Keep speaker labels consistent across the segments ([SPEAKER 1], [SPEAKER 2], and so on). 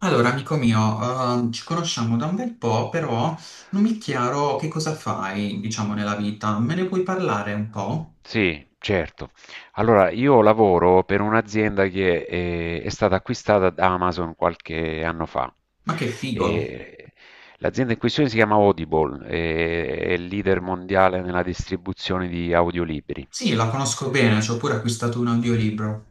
[SPEAKER 1] Allora, amico mio, ci conosciamo da un bel po', però non mi è chiaro che cosa fai, diciamo, nella vita. Me ne puoi parlare un po'?
[SPEAKER 2] Sì, certo. Allora, io lavoro per un'azienda che stata acquistata da Amazon qualche anno fa.
[SPEAKER 1] Ma che figo!
[SPEAKER 2] E l'azienda in questione si chiama Audible, è il leader mondiale nella distribuzione di audiolibri.
[SPEAKER 1] Sì, la conosco bene, ci ho pure acquistato un audiolibro.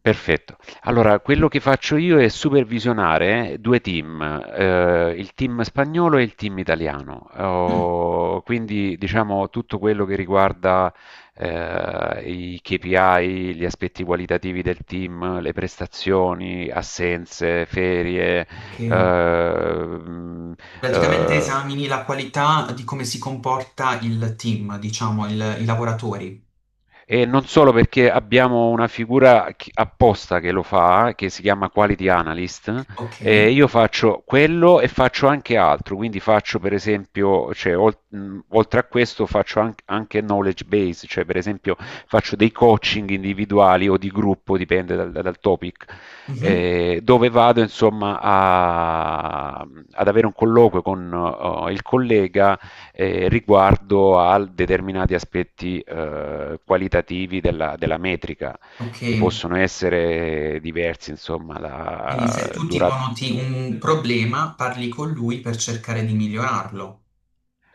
[SPEAKER 2] Perfetto. Allora, quello che faccio io è supervisionare due team, il team spagnolo e il team italiano.
[SPEAKER 1] Mm.
[SPEAKER 2] Oh, quindi, diciamo, tutto quello che riguarda i KPI, gli aspetti qualitativi del team, le prestazioni, assenze, ferie,
[SPEAKER 1] Ok.
[SPEAKER 2] eh, mm,
[SPEAKER 1] Praticamente
[SPEAKER 2] eh,
[SPEAKER 1] esamini la qualità di come si comporta il team, diciamo, i lavoratori.
[SPEAKER 2] e non solo perché abbiamo una figura apposta che lo fa, che si chiama Quality Analyst,
[SPEAKER 1] Ok.
[SPEAKER 2] e io faccio quello e faccio anche altro. Quindi faccio per esempio, cioè, oltre a questo faccio anche knowledge base. Cioè, per esempio faccio dei coaching individuali o di gruppo, dipende dal topic,
[SPEAKER 1] Mhm.
[SPEAKER 2] dove vado insomma ad avere un colloquio con il collega riguardo a determinati aspetti qualitativi della metrica,
[SPEAKER 1] Ok.
[SPEAKER 2] che possono essere diversi, insomma,
[SPEAKER 1] Quindi se tu tipo noti un problema, parli con lui per cercare di migliorarlo.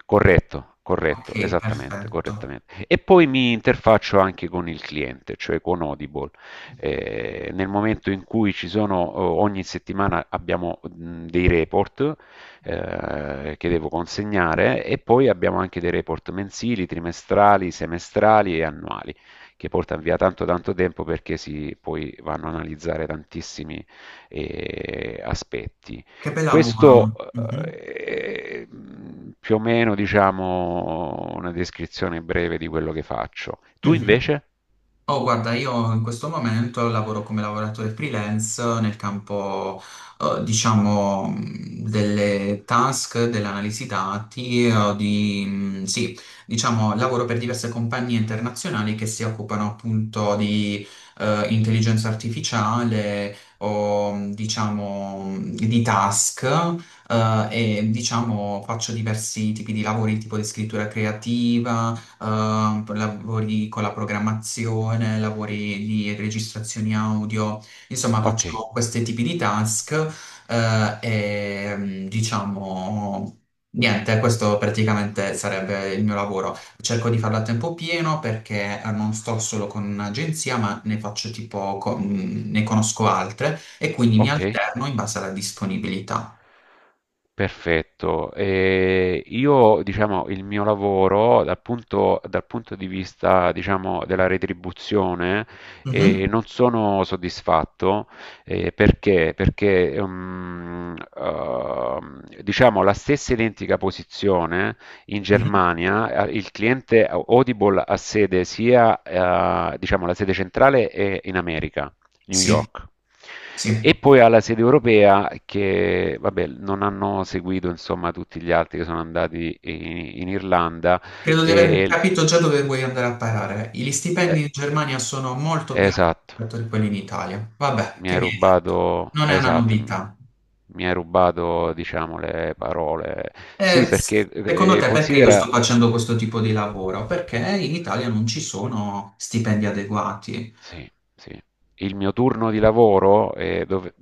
[SPEAKER 2] corretto, corretto,
[SPEAKER 1] Ok,
[SPEAKER 2] esattamente,
[SPEAKER 1] perfetto.
[SPEAKER 2] correttamente. E poi mi interfaccio anche con il cliente, cioè con Audible. Nel momento in cui ci sono, ogni settimana abbiamo dei report che devo consegnare, e poi abbiamo anche dei report mensili, trimestrali, semestrali e annuali, che portano via tanto tanto tempo perché si poi vanno a analizzare tantissimi aspetti.
[SPEAKER 1] Che bel
[SPEAKER 2] Questo
[SPEAKER 1] lavoro. Mhm.
[SPEAKER 2] è più o meno, diciamo, una descrizione breve di quello che faccio. Tu
[SPEAKER 1] Mhm.
[SPEAKER 2] invece?
[SPEAKER 1] Oh, guarda, io in questo momento lavoro come lavoratore freelance nel campo, diciamo, delle task, dell'analisi dati, di, sì, diciamo, lavoro per diverse compagnie internazionali che si occupano appunto di, intelligenza artificiale o, diciamo, di task. eh, e diciamo faccio diversi tipi di lavori, tipo di scrittura creativa, lavori con la programmazione, lavori di registrazioni audio, insomma
[SPEAKER 2] Ok,
[SPEAKER 1] faccio questi tipi di task. E diciamo niente, questo praticamente sarebbe il mio lavoro. Cerco di farlo a tempo pieno perché non sto solo con un'agenzia, ma ne faccio tipo, ne conosco altre e quindi mi
[SPEAKER 2] ok.
[SPEAKER 1] alterno in base alla disponibilità.
[SPEAKER 2] Perfetto. E io, diciamo, il mio lavoro dal punto di vista, diciamo, della retribuzione,
[SPEAKER 1] Mhm.
[SPEAKER 2] non sono soddisfatto. Perché? Perché, diciamo, la stessa identica posizione in
[SPEAKER 1] Mhm.
[SPEAKER 2] Germania, il cliente Audible ha sede sia, diciamo, la sede centrale è in America, New
[SPEAKER 1] Sì,
[SPEAKER 2] York.
[SPEAKER 1] sì.
[SPEAKER 2] E poi alla sede europea che, vabbè, non hanno seguito insomma tutti gli altri, che sono andati in Irlanda.
[SPEAKER 1] Credo di aver
[SPEAKER 2] E,
[SPEAKER 1] capito già dove vuoi andare a parare. Gli
[SPEAKER 2] eh,
[SPEAKER 1] stipendi in Germania sono molto più alti
[SPEAKER 2] esatto,
[SPEAKER 1] rispetto a quelli in Italia. Vabbè,
[SPEAKER 2] mi
[SPEAKER 1] che
[SPEAKER 2] hai
[SPEAKER 1] mi hai detto?
[SPEAKER 2] rubato,
[SPEAKER 1] Non è una
[SPEAKER 2] esatto, mi,
[SPEAKER 1] novità.
[SPEAKER 2] mi hai rubato diciamo le parole. Sì,
[SPEAKER 1] E
[SPEAKER 2] perché
[SPEAKER 1] secondo te perché io sto
[SPEAKER 2] considera.
[SPEAKER 1] facendo questo tipo di lavoro? Perché in Italia non ci sono stipendi adeguati.
[SPEAKER 2] Sì, sì. Il mio turno di lavoro è, dove-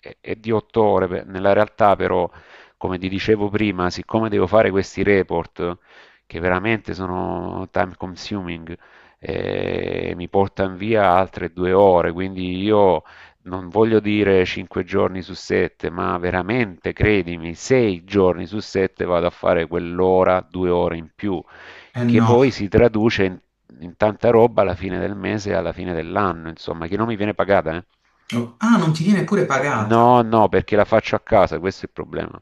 [SPEAKER 2] è- è di 8 ore, beh, nella realtà però, come ti dicevo prima, siccome devo fare questi report che veramente sono time consuming, mi portano via altre 2 ore. Quindi io non voglio dire 5 giorni su 7, ma veramente, credimi, 6 giorni su 7 vado a fare quell'ora, 2 ore in più,
[SPEAKER 1] Eh
[SPEAKER 2] che
[SPEAKER 1] no.
[SPEAKER 2] poi si traduce in tanta roba alla fine del mese e alla fine dell'anno, insomma, che non mi viene pagata, eh.
[SPEAKER 1] Ah, non ti viene pure pagata.
[SPEAKER 2] No, no, perché la faccio a casa, questo è il problema.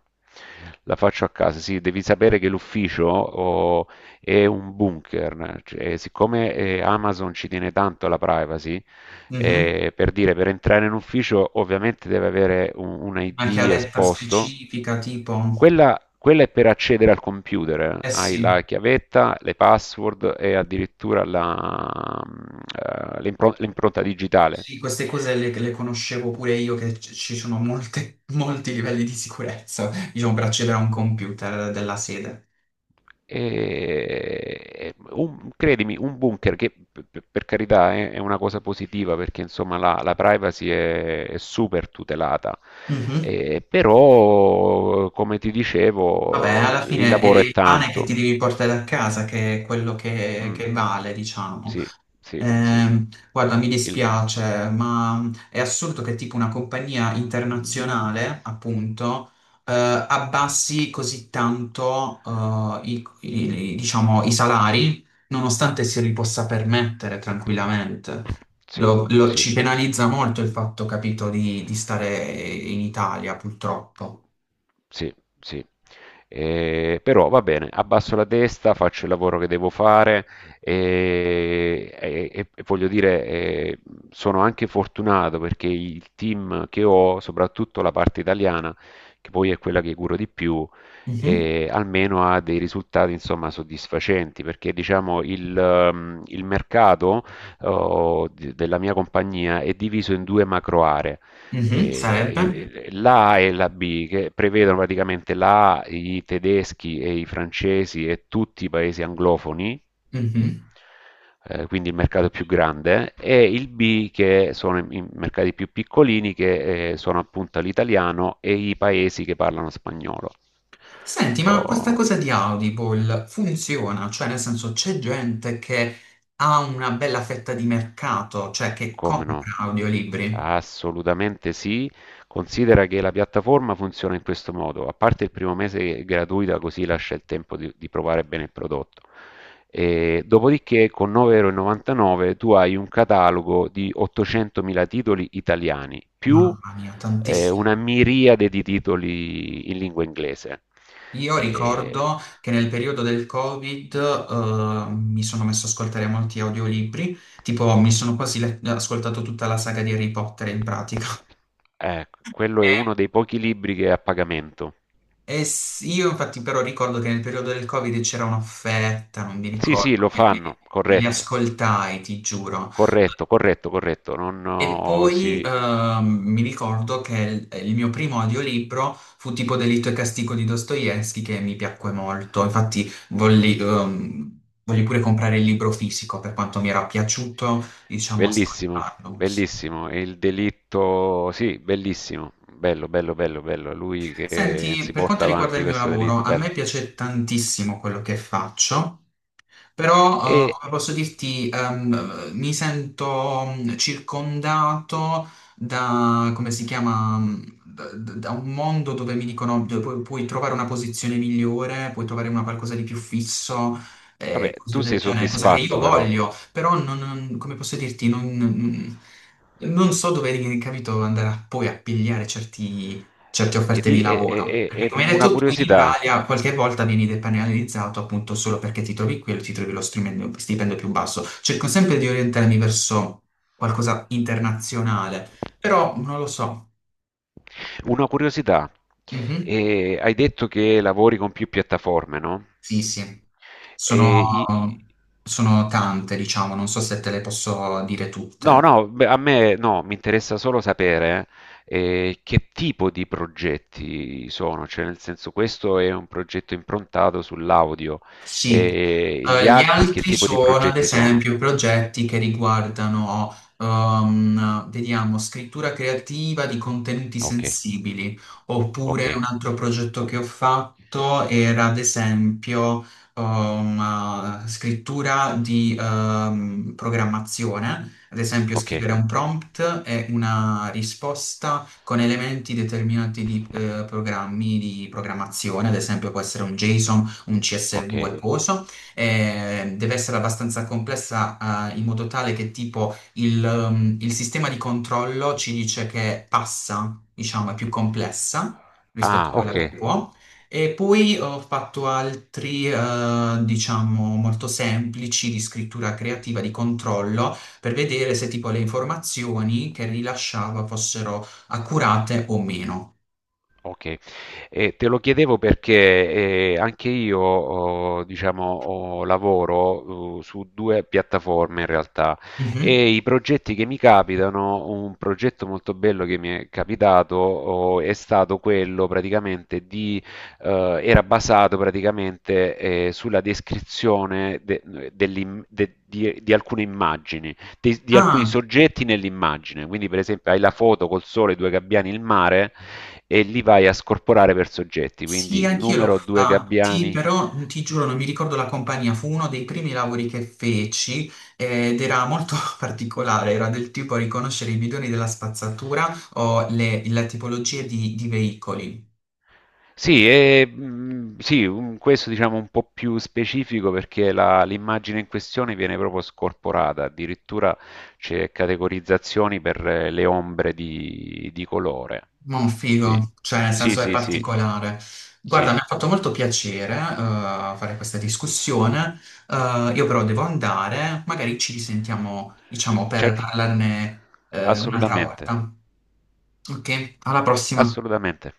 [SPEAKER 2] La faccio a casa, sì. Devi sapere che l'ufficio oh, è un bunker. Cioè, siccome Amazon ci tiene tanto alla privacy,
[SPEAKER 1] Mhm.
[SPEAKER 2] per dire, per entrare in ufficio ovviamente deve avere un
[SPEAKER 1] Una
[SPEAKER 2] ID
[SPEAKER 1] chiavetta
[SPEAKER 2] esposto.
[SPEAKER 1] specifica, tipo.
[SPEAKER 2] Quella, è per accedere al computer, eh.
[SPEAKER 1] Eh
[SPEAKER 2] Hai
[SPEAKER 1] sì.
[SPEAKER 2] la chiavetta, le password e addirittura l'impronta digitale.
[SPEAKER 1] Sì, queste cose le conoscevo pure io, che ci sono molti livelli di sicurezza, diciamo, per accedere a un computer della sede.
[SPEAKER 2] Credimi, un bunker, che per carità è una cosa positiva, perché insomma la privacy è super tutelata.
[SPEAKER 1] Mhm.
[SPEAKER 2] Però come ti
[SPEAKER 1] Vabbè,
[SPEAKER 2] dicevo
[SPEAKER 1] alla
[SPEAKER 2] il
[SPEAKER 1] fine è
[SPEAKER 2] lavoro è
[SPEAKER 1] il pane che ti
[SPEAKER 2] tanto.
[SPEAKER 1] devi portare a casa che è quello
[SPEAKER 2] Mm.
[SPEAKER 1] che vale, diciamo.
[SPEAKER 2] Sì, sì, sì.
[SPEAKER 1] Guarda, mi
[SPEAKER 2] Il-
[SPEAKER 1] dispiace, ma è assurdo che tipo una compagnia internazionale, appunto, abbassi così tanto, diciamo, i salari, nonostante si li possa permettere tranquillamente.
[SPEAKER 2] sì, sì.
[SPEAKER 1] Ci penalizza molto il fatto, capito, di stare in Italia, purtroppo.
[SPEAKER 2] Sì, sì. Però va bene, abbasso la testa, faccio il lavoro che devo fare, e voglio dire, sono anche fortunato, perché il team che ho, soprattutto la parte italiana, che poi è quella che curo di più,
[SPEAKER 1] Mhm.
[SPEAKER 2] almeno ha dei risultati insomma soddisfacenti. Perché diciamo il mercato della mia compagnia è diviso in due macro aree,
[SPEAKER 1] Mhm, sarebbe.
[SPEAKER 2] e la A e la B, che prevedono praticamente la A, i tedeschi e i francesi e tutti i paesi anglofoni,
[SPEAKER 1] Mhm.
[SPEAKER 2] quindi il mercato più grande, e il B, che sono i mercati più piccolini, che sono appunto l'italiano e i paesi che parlano spagnolo.
[SPEAKER 1] Senti, ma questa
[SPEAKER 2] Oh,
[SPEAKER 1] cosa di Audible funziona? Cioè, nel senso, c'è gente che ha una bella fetta di mercato, cioè che
[SPEAKER 2] come no?
[SPEAKER 1] compra audiolibri?
[SPEAKER 2] Assolutamente sì. Considera che la piattaforma funziona in questo modo: a parte il primo mese gratuita, così lascia il tempo di provare bene il prodotto. E dopodiché con 9,99€ tu hai un catalogo di 800.000 titoli italiani, più
[SPEAKER 1] Mamma mia,
[SPEAKER 2] una
[SPEAKER 1] tantissimi.
[SPEAKER 2] miriade di titoli in lingua inglese.
[SPEAKER 1] Io
[SPEAKER 2] E-
[SPEAKER 1] ricordo che nel periodo del Covid, mi sono messo ad ascoltare molti audiolibri, tipo mi sono quasi ascoltato tutta la saga di Harry Potter in pratica.
[SPEAKER 2] Quello è
[SPEAKER 1] E,
[SPEAKER 2] uno dei pochi libri che è a pagamento.
[SPEAKER 1] io infatti però ricordo che nel periodo del Covid c'era un'offerta, non mi
[SPEAKER 2] Sì, sì,
[SPEAKER 1] ricordo,
[SPEAKER 2] lo
[SPEAKER 1] me
[SPEAKER 2] fanno,
[SPEAKER 1] me li
[SPEAKER 2] corretto,
[SPEAKER 1] ascoltai, ti giuro.
[SPEAKER 2] corretto, corretto, corretto. Non,
[SPEAKER 1] E
[SPEAKER 2] oh,
[SPEAKER 1] poi
[SPEAKER 2] sì.
[SPEAKER 1] mi ricordo che il mio primo audiolibro fu tipo Delitto e Castigo di Dostoevsky che mi piacque molto. Infatti volli, volli pure comprare il libro fisico per quanto mi era piaciuto, diciamo,
[SPEAKER 2] Bellissimo,
[SPEAKER 1] ascoltarlo.
[SPEAKER 2] bellissimo, e il delitto, sì, bellissimo, bello, bello, bello, bello, è lui che
[SPEAKER 1] Senti,
[SPEAKER 2] si
[SPEAKER 1] per quanto
[SPEAKER 2] porta
[SPEAKER 1] riguarda
[SPEAKER 2] avanti
[SPEAKER 1] il mio
[SPEAKER 2] questo
[SPEAKER 1] lavoro,
[SPEAKER 2] delitto,
[SPEAKER 1] a me
[SPEAKER 2] bello.
[SPEAKER 1] piace tantissimo quello che faccio. Però,
[SPEAKER 2] E
[SPEAKER 1] come posso dirti, mi sento circondato da, come si chiama, da, da un mondo dove mi dicono dove puoi, trovare una posizione migliore, puoi trovare una qualcosa di più fisso,
[SPEAKER 2] vabbè, tu
[SPEAKER 1] cose
[SPEAKER 2] sei
[SPEAKER 1] del genere, cosa che io
[SPEAKER 2] soddisfatto però.
[SPEAKER 1] voglio, però non, come posso dirti, non, non so dove, capito, andare a, poi a pigliare certi certe
[SPEAKER 2] e,
[SPEAKER 1] offerte
[SPEAKER 2] di-
[SPEAKER 1] di
[SPEAKER 2] e- e-
[SPEAKER 1] lavoro.
[SPEAKER 2] e-
[SPEAKER 1] Perché
[SPEAKER 2] e
[SPEAKER 1] come hai
[SPEAKER 2] una
[SPEAKER 1] detto tu, in
[SPEAKER 2] curiosità,
[SPEAKER 1] Italia qualche volta vieni depenalizzato appunto solo perché ti trovi qui e ti trovi lo stipendio più basso. Cerco sempre di orientarmi verso qualcosa internazionale, però non lo so.
[SPEAKER 2] una curiosità:
[SPEAKER 1] Mhm.
[SPEAKER 2] E hai detto che lavori con più piattaforme, no?
[SPEAKER 1] Sì, sì,
[SPEAKER 2] E, i-
[SPEAKER 1] sono, sono tante, diciamo, non so se te le posso dire
[SPEAKER 2] No,
[SPEAKER 1] tutte.
[SPEAKER 2] no, beh, a me no, mi interessa solo sapere che tipo di progetti sono. Cioè, nel senso, questo è un progetto improntato sull'audio,
[SPEAKER 1] Sì.
[SPEAKER 2] e gli
[SPEAKER 1] Gli
[SPEAKER 2] altri che
[SPEAKER 1] altri
[SPEAKER 2] tipo di
[SPEAKER 1] sono ad
[SPEAKER 2] progetti sono?
[SPEAKER 1] esempio progetti che riguardano, vediamo, scrittura creativa di contenuti
[SPEAKER 2] Ok,
[SPEAKER 1] sensibili,
[SPEAKER 2] ok,
[SPEAKER 1] oppure un altro progetto che ho fatto era ad esempio, scrittura di, programmazione, ad esempio
[SPEAKER 2] ok,
[SPEAKER 1] scrivere un prompt e una risposta con elementi determinati di, programmi di programmazione, ad esempio può essere un JSON, un
[SPEAKER 2] ok.
[SPEAKER 1] CSV e coso, deve essere abbastanza complessa, in modo tale che tipo il sistema di controllo ci dice che passa, diciamo, è più complessa rispetto
[SPEAKER 2] Ah,
[SPEAKER 1] a quella
[SPEAKER 2] ok.
[SPEAKER 1] che può. E poi ho fatto altri, diciamo, molto semplici di scrittura creativa, di controllo, per vedere se tipo le informazioni che rilasciava fossero accurate o meno.
[SPEAKER 2] Okay. E te lo chiedevo perché, anche io ho diciamo, ho lavoro, su 2 piattaforme in realtà.
[SPEAKER 1] Mhm.
[SPEAKER 2] E i progetti che mi capitano, un progetto molto bello che mi è capitato, o è stato quello praticamente di era basato praticamente, sulla descrizione de dell'im de di alcune immagini, di alcuni
[SPEAKER 1] Ah.
[SPEAKER 2] soggetti nell'immagine. Quindi per esempio hai la foto col sole, 2 gabbiani, il mare, e li vai a scorporare per soggetti,
[SPEAKER 1] Sì,
[SPEAKER 2] quindi
[SPEAKER 1] anch'io l'ho
[SPEAKER 2] numero due
[SPEAKER 1] fatti,
[SPEAKER 2] gabbiani.
[SPEAKER 1] però ti giuro non mi ricordo la compagnia, fu uno dei primi lavori che feci ed era molto particolare, era del tipo riconoscere i bidoni della spazzatura o le tipologie di veicoli.
[SPEAKER 2] Sì, e, sì, questo diciamo un po' più specifico, perché l'immagine in questione viene proprio scorporata. Addirittura c'è categorizzazioni per le ombre di colore.
[SPEAKER 1] Ma
[SPEAKER 2] Sì,
[SPEAKER 1] figo, cioè nel
[SPEAKER 2] sì,
[SPEAKER 1] senso è
[SPEAKER 2] sì, sì,
[SPEAKER 1] particolare. Guarda,
[SPEAKER 2] sì.
[SPEAKER 1] mi ha fatto molto piacere fare questa discussione. Io però devo andare, magari ci risentiamo, diciamo, per
[SPEAKER 2] C'è-
[SPEAKER 1] parlarne un'altra
[SPEAKER 2] Assolutamente,
[SPEAKER 1] volta. Ok, alla prossima.
[SPEAKER 2] assolutamente.